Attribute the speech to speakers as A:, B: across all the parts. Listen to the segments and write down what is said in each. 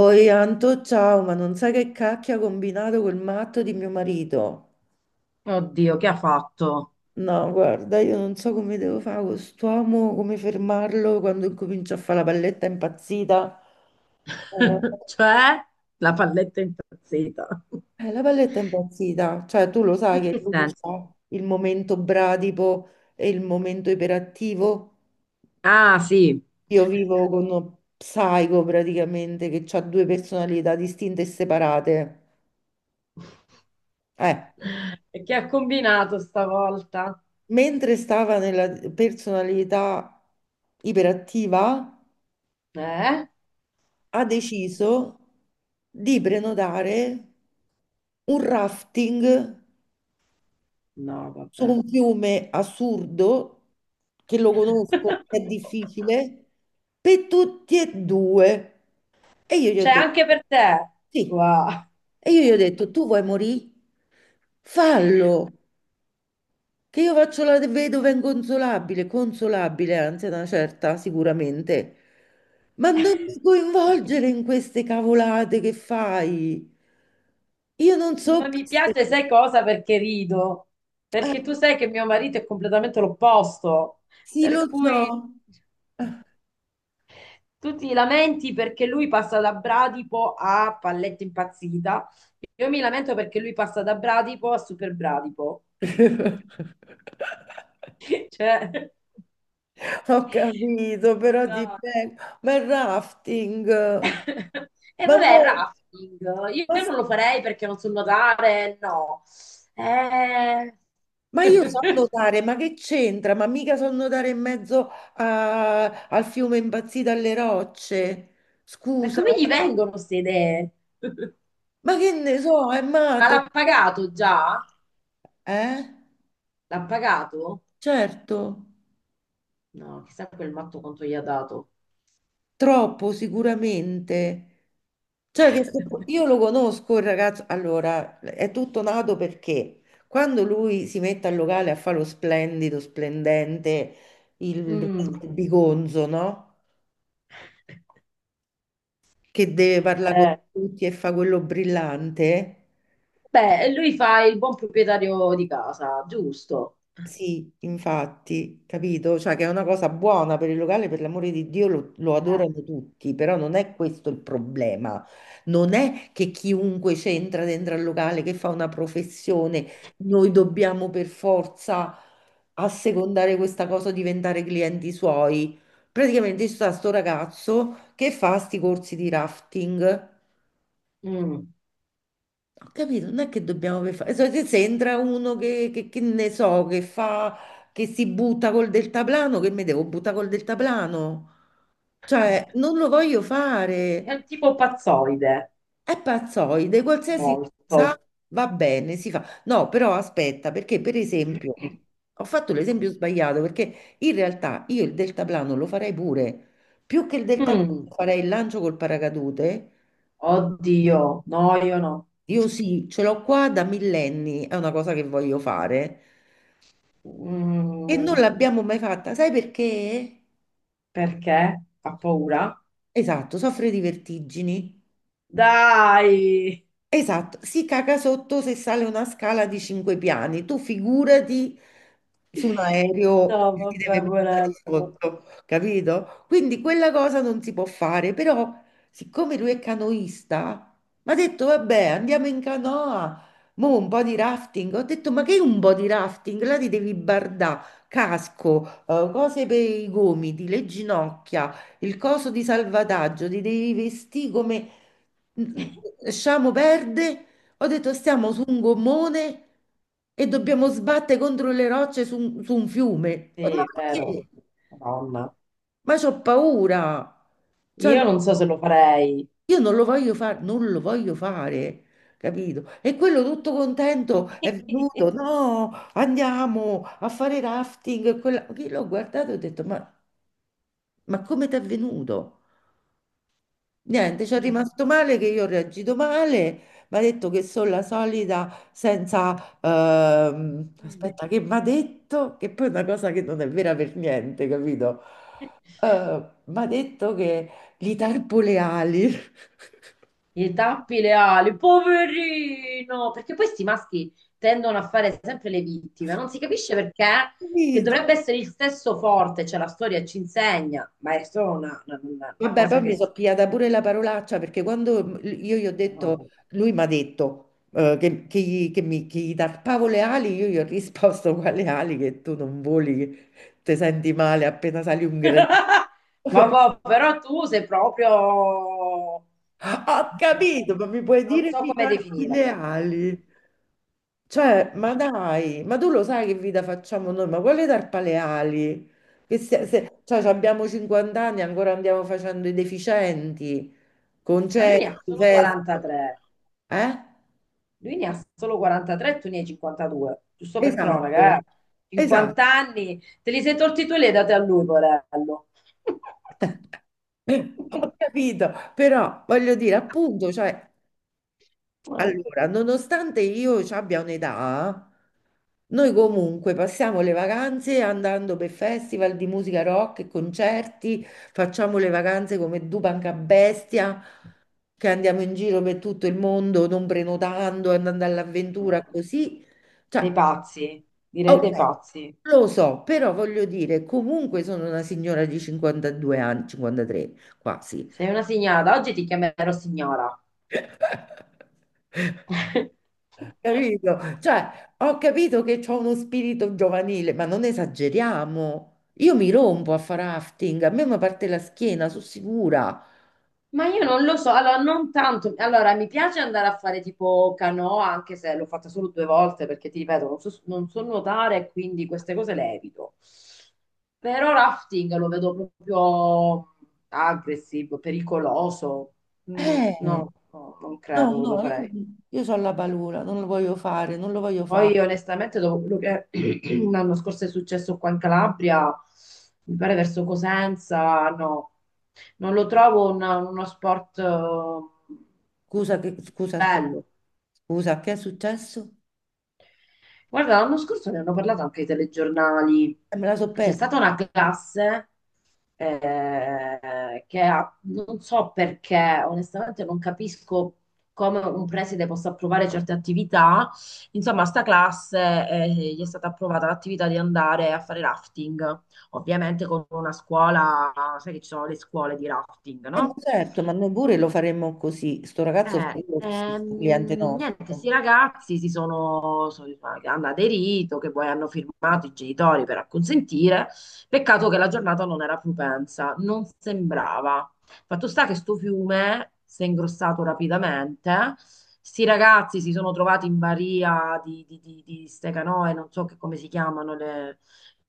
A: Oi Anto, ciao, ma non sai che cacchio ha combinato quel matto di mio marito?
B: Oddio, che ha fatto?
A: No, guarda, io non so come devo fare con quest'uomo, come fermarlo quando incomincia a fare la palletta impazzita. Eh,
B: Cioè, la palletta è impazzita.
A: la palletta impazzita, cioè tu lo
B: In
A: sai che
B: che
A: lui
B: senso?
A: ha il momento bradipo e il momento iperattivo.
B: Ah, sì.
A: Io vivo con uno psico praticamente che ha due personalità distinte e separate. Eh.
B: E che ha combinato stavolta?
A: Mentre stava nella personalità iperattiva,
B: Eh?
A: ha deciso di prenotare un rafting
B: No,
A: su
B: vabbè.
A: un fiume assurdo, che lo conosco, è difficile, per tutti e due. E io gli ho
B: C'è anche
A: detto,
B: per te.
A: sì.
B: Wow.
A: E io gli ho detto, tu vuoi morire? Fallo. Che io faccio la vedova inconsolabile, consolabile, anzi, ad una certa, sicuramente. Ma non mi coinvolgere in queste cavolate che fai. Io non so.
B: Ma mi piace, sai cosa? Perché rido. Perché tu
A: Eh,
B: sai che mio marito è completamente l'opposto.
A: sì,
B: Per
A: lo
B: cui...
A: so.
B: Tu ti lamenti perché lui passa da Bradipo a Palletta Impazzita. Io mi lamento perché lui passa da Bradipo a Super Bradipo. Cioè,
A: Ho capito, però ti
B: no.
A: prego. Ma il rafting.
B: E
A: Ma,
B: vabbè, il
A: mo-
B: rafting. Io
A: ma
B: io non lo farei perché non so nuotare, no. Eh...
A: ma io so nuotare, ma che c'entra? Ma mica so nuotare in mezzo al fiume impazzito alle rocce.
B: Ma
A: Scusa,
B: come gli
A: eh.
B: vengono queste idee?
A: Ma che ne so, è
B: Ma
A: matto.
B: l'ha pagato già?
A: Eh?
B: L'ha pagato?
A: Certo,
B: No, chissà quel matto quanto gli ha dato.
A: troppo sicuramente. Cioè, che se- io lo conosco il ragazzo. Allora, è tutto nato perché quando lui si mette al locale a fare lo splendido, splendente, il,
B: Mm.
A: il bigonzo, no? Che deve parlare con
B: Eh.
A: tutti e fa quello brillante.
B: Beh, lui fa il buon proprietario di casa, giusto?
A: Sì, infatti, capito? Cioè che è una cosa buona per il locale, per l'amore di Dio, lo
B: Ah.
A: adorano tutti, però non è questo il problema. Non è che chiunque c'entra dentro al locale, che fa una professione,
B: Sì.
A: noi dobbiamo per forza assecondare questa cosa, diventare clienti suoi. Praticamente c'è sta sto ragazzo che fa sti corsi di rafting.
B: Mm.
A: Ho capito, non è che dobbiamo per fare. Se entra uno che, che ne so, che fa, che si butta col deltaplano, che mi devo buttare col deltaplano? Cioè, non lo voglio
B: È
A: fare.
B: un tipo pazzoide.
A: È pazzoide,
B: Mm,
A: qualsiasi cosa
B: molto.
A: va bene, si fa. No, però aspetta, perché per esempio, ho fatto l'esempio sbagliato, perché in realtà io il deltaplano lo farei pure. Più che il deltaplano
B: Mm.
A: farei il lancio col paracadute.
B: Oddio, no, io no.
A: Io sì, ce l'ho qua da millenni, è una cosa che voglio fare. E non
B: Mm.
A: l'abbiamo mai fatta, sai perché?
B: Perché? Fa paura?
A: Esatto, soffre di vertigini.
B: Dai!
A: Esatto, si caga sotto se sale una scala di cinque piani. Tu figurati su un
B: No,
A: aereo che ti
B: vabbè,
A: deve buttare
B: porello.
A: sotto, capito? Quindi quella cosa non si può fare, però siccome lui è canoista, mi ha detto vabbè, andiamo in canoa, mo un po' di rafting. Ho detto ma che un po' di rafting? Là ti devi bardà, casco, cose per i gomiti, le ginocchia, il coso di salvataggio, ti devi vestire come Sciamo perde, ho detto stiamo su un gommone e dobbiamo sbattere contro le rocce su un fiume. Ma
B: Sì, vero.
A: perché?
B: Madonna.
A: Ma c'ho paura. Cioè,
B: Io
A: no-
B: non so se lo farei.
A: io non lo voglio fare, non lo voglio fare, capito? E quello tutto contento è venuto, no, andiamo a fare rafting. E quella... Io l'ho guardato e ho detto, ma come ti è venuto? Niente, ci è rimasto male che io ho reagito male, mi ha detto che sono la solita senza...
B: Mm.
A: aspetta, che mi ha detto? Che poi è una cosa che non è vera per niente, capito? Mi ha detto che gli tarpo le ali.
B: Gli tappi le ali, poverino! Perché poi questi maschi tendono a fare sempre le vittime, non si capisce perché, che
A: Capito?
B: dovrebbe essere il stesso forte, cioè la storia ci insegna, ma è solo una
A: Vabbè,
B: cosa
A: poi
B: che...
A: mi
B: s-
A: sono pigliata pure la parolaccia perché quando io gli ho
B: No, vabbè.
A: detto, lui mi ha detto che gli tarpavo le ali, io gli ho risposto quale ali che tu non voli, che ti senti male appena sali un gradino.
B: Vabbè, però tu sei proprio...
A: Ho capito,
B: eh,
A: ma mi puoi
B: non
A: dire che
B: so
A: mi
B: come
A: tarpi
B: definire.
A: le
B: Mm.
A: ali? Cioè, ma dai, ma tu lo sai che vita facciamo noi? Ma quale tarpale ali? Che se, se- cioè, abbiamo 50 anni e ancora andiamo facendo i deficienti,
B: Ma lui ne ha
A: concerti,
B: solo
A: feste.
B: 43.
A: Eh?
B: Lui ne ha solo 43, tu ne hai 52, giusto per cronaca,
A: Esatto,
B: eh.
A: esatto.
B: 50 anni, te li sei tolti tu e li hai dati a lui, porello.
A: Ho capito, però voglio dire, appunto, cioè,
B: No.
A: allora, nonostante io ci abbia un'età, noi comunque passiamo le vacanze andando per festival di musica rock e concerti, facciamo le vacanze come Dupanca bestia, che andiamo in giro per tutto il mondo non prenotando, andando all'avventura così.
B: Dei
A: Cioè,
B: pazzi, direi
A: ok,
B: dei pazzi.
A: lo so, però voglio dire, comunque sono una signora di 52 anni, 53 quasi.
B: Sei una signora, da oggi ti chiamerò signora.
A: Capito? Cioè, ho capito che c'ho uno spirito giovanile, ma non esageriamo. Io mi rompo a fare rafting, a me mi parte la schiena, sono sicura.
B: Ma io non lo so, allora non tanto, allora mi piace andare a fare tipo canoa, anche se l'ho fatta solo due volte perché ti ripeto, non so, non so nuotare, quindi queste cose le evito. Però rafting lo vedo proprio aggressivo, pericoloso. Mm,
A: Eh,
B: no, no, non
A: no,
B: credo che lo
A: no, io,
B: farei.
A: io ho la paura, non lo voglio fare, non lo voglio fare.
B: Poi onestamente dopo quello che l'anno scorso è successo qua in Calabria, mi pare verso Cosenza, no, non lo trovo un- uno sport
A: Scusa, che, scusa, aspetta.
B: bello.
A: Scusa, che è successo?
B: Guarda, l'anno scorso ne hanno parlato anche i telegiornali.
A: Me la so
B: C'è
A: persa.
B: stata una classe che ha- non so perché, onestamente non capisco come un preside possa approvare certe attività. Insomma, a sta classe gli è stata approvata l'attività di andare a fare rafting, ovviamente con una scuola, sai che ci sono le scuole di rafting,
A: Ma
B: no?
A: certo, ma noi pure lo faremmo così. Sto ragazzo fa il questo cliente
B: Niente, questi
A: nostro.
B: ragazzi si sono, so- hanno aderito, che poi hanno firmato i genitori per acconsentire. Peccato che la giornata non era propensa, non sembrava. Fatto sta che sto fiume si è ingrossato rapidamente. Sti ragazzi si sono trovati in baria di ste canoe, non so che- come si chiamano, le-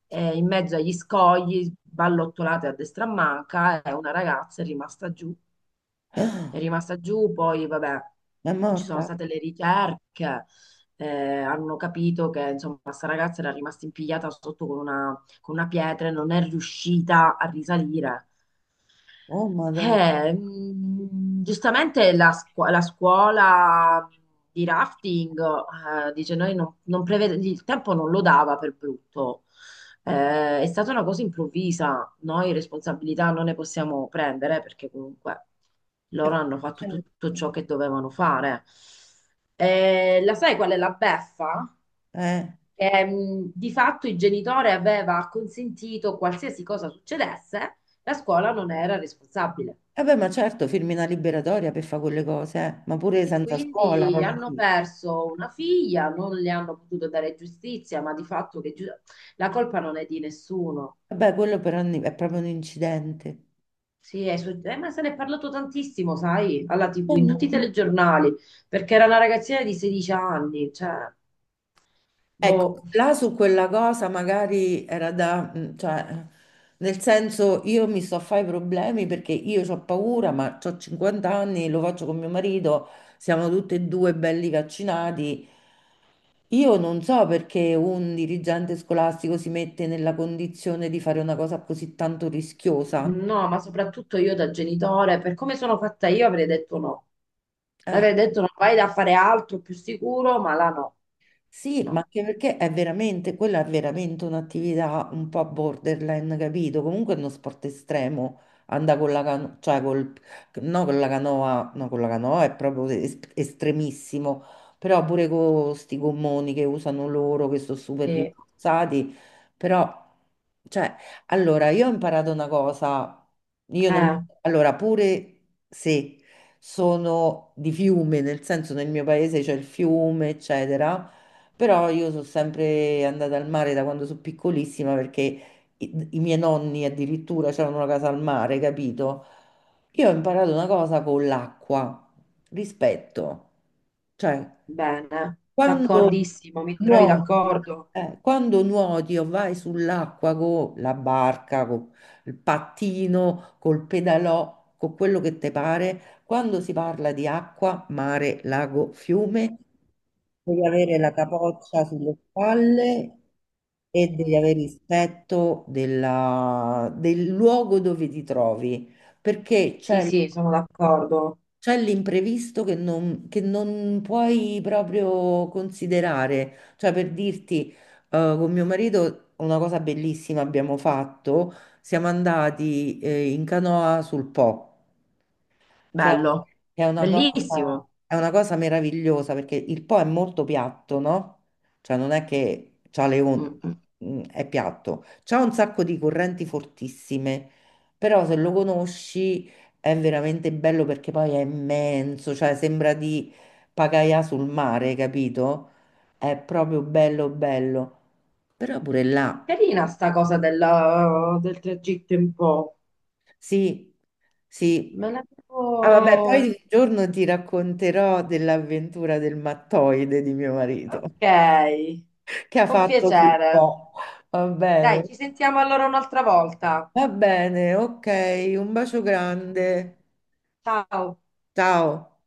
B: in mezzo agli scogli, ballottolate a destra e a manca, e una ragazza è rimasta giù, è rimasta giù, poi vabbè,
A: Ma è
B: ci sono
A: morta?
B: state le ricerche, eh, hanno capito che insomma questa ragazza era rimasta impigliata sotto con una pietra e non è riuscita a risalire.
A: Oh, madonna.
B: Mm, giustamente la, scu- la scuola di rafting, dice noi non, non prevede, il tempo non lo dava per brutto. È stata una cosa improvvisa, noi responsabilità non ne possiamo prendere perché comunque
A: Eh,
B: loro hanno fatto
A: certo.
B: tutto ciò che dovevano fare. La sai qual è la beffa?
A: Eh.
B: Che, mm, di fatto il genitore aveva consentito qualsiasi cosa succedesse, la scuola non era responsabile.
A: Vabbè, ma certo, firmi una liberatoria per fare quelle cose, eh. Ma pure
B: E
A: senza scuola,
B: quindi
A: voglio
B: hanno
A: dire.
B: perso una figlia, non le hanno potuto dare giustizia, ma di fatto che giu- la colpa non è di nessuno.
A: Vabbè, quello però è proprio un incidente.
B: Sì, è su- ma se ne è parlato tantissimo, sai, alla TV, in tutti i
A: Mm.
B: telegiornali, perché era una ragazzina di 16 anni, cioè,
A: Ecco,
B: boh,
A: là su quella cosa magari era da, mm, cioè, nel senso io mi sto a fare i problemi perché io ho paura, ma ho 50 anni, lo faccio con mio marito, siamo tutti e due belli vaccinati. Io non so perché un dirigente scolastico si mette nella condizione di fare una cosa così tanto rischiosa.
B: no, ma soprattutto io da genitore, per come sono fatta io avrei detto no.
A: Eh,
B: Avrei detto non vai da fare altro più sicuro, ma là no,
A: Sì, ma
B: no.
A: anche perché è veramente, quella è veramente un'attività un po' borderline, capito? Comunque è uno sport estremo, anda con la canoa, cioè col, no con la canoa, no con la canoa è proprio estremissimo, però pure con questi gommoni che usano loro, che sono super
B: Sì.
A: rimborsati, però, cioè, allora, io ho imparato una cosa, io non,
B: Eh.
A: allora, pure se sono di fiume, nel senso nel mio paese c'è il fiume, eccetera, però io sono sempre andata al mare da quando sono piccolissima perché i miei nonni addirittura avevano una casa al mare, capito? Io ho imparato una cosa con l'acqua, rispetto. Cioè,
B: Bene,
A: quando
B: d'accordissimo, mi trovi
A: nuoti,
B: d'accordo?
A: quando nuoti o vai sull'acqua con la barca, con il pattino, col pedalò, con quello che ti pare, quando si parla di acqua, mare, lago, fiume, devi avere la capoccia sulle spalle e devi avere rispetto del luogo dove ti trovi, perché
B: Sì,
A: c'è
B: sì, sono d'accordo.
A: l'imprevisto che non puoi proprio considerare. Cioè, per dirti, con mio marito una cosa bellissima abbiamo fatto, siamo andati, in canoa sul Po che è
B: Bello,
A: che è una cosa,
B: bellissimo.
A: è una cosa meravigliosa perché il Po è molto piatto, no? Cioè non è che c'ha le on-
B: Mm, mm.
A: Mm, è piatto, c'ha un sacco di correnti fortissime, però se lo conosci è veramente bello perché poi è immenso, cioè sembra di pagaia sul mare, capito? È proprio bello bello. Però pure là
B: Carina sta cosa della- del tragitto in Po.
A: sì, sì.
B: Me ne
A: Ah, vabbè, poi
B: devo...
A: un giorno ti racconterò dell'avventura del mattoide di mio marito
B: Ok,
A: che ha
B: con
A: fatto sul
B: piacere.
A: po'. Va
B: Dai,
A: bene,
B: ci sentiamo allora un'altra volta.
A: va bene, ok, un bacio grande.
B: Ciao.
A: Ciao.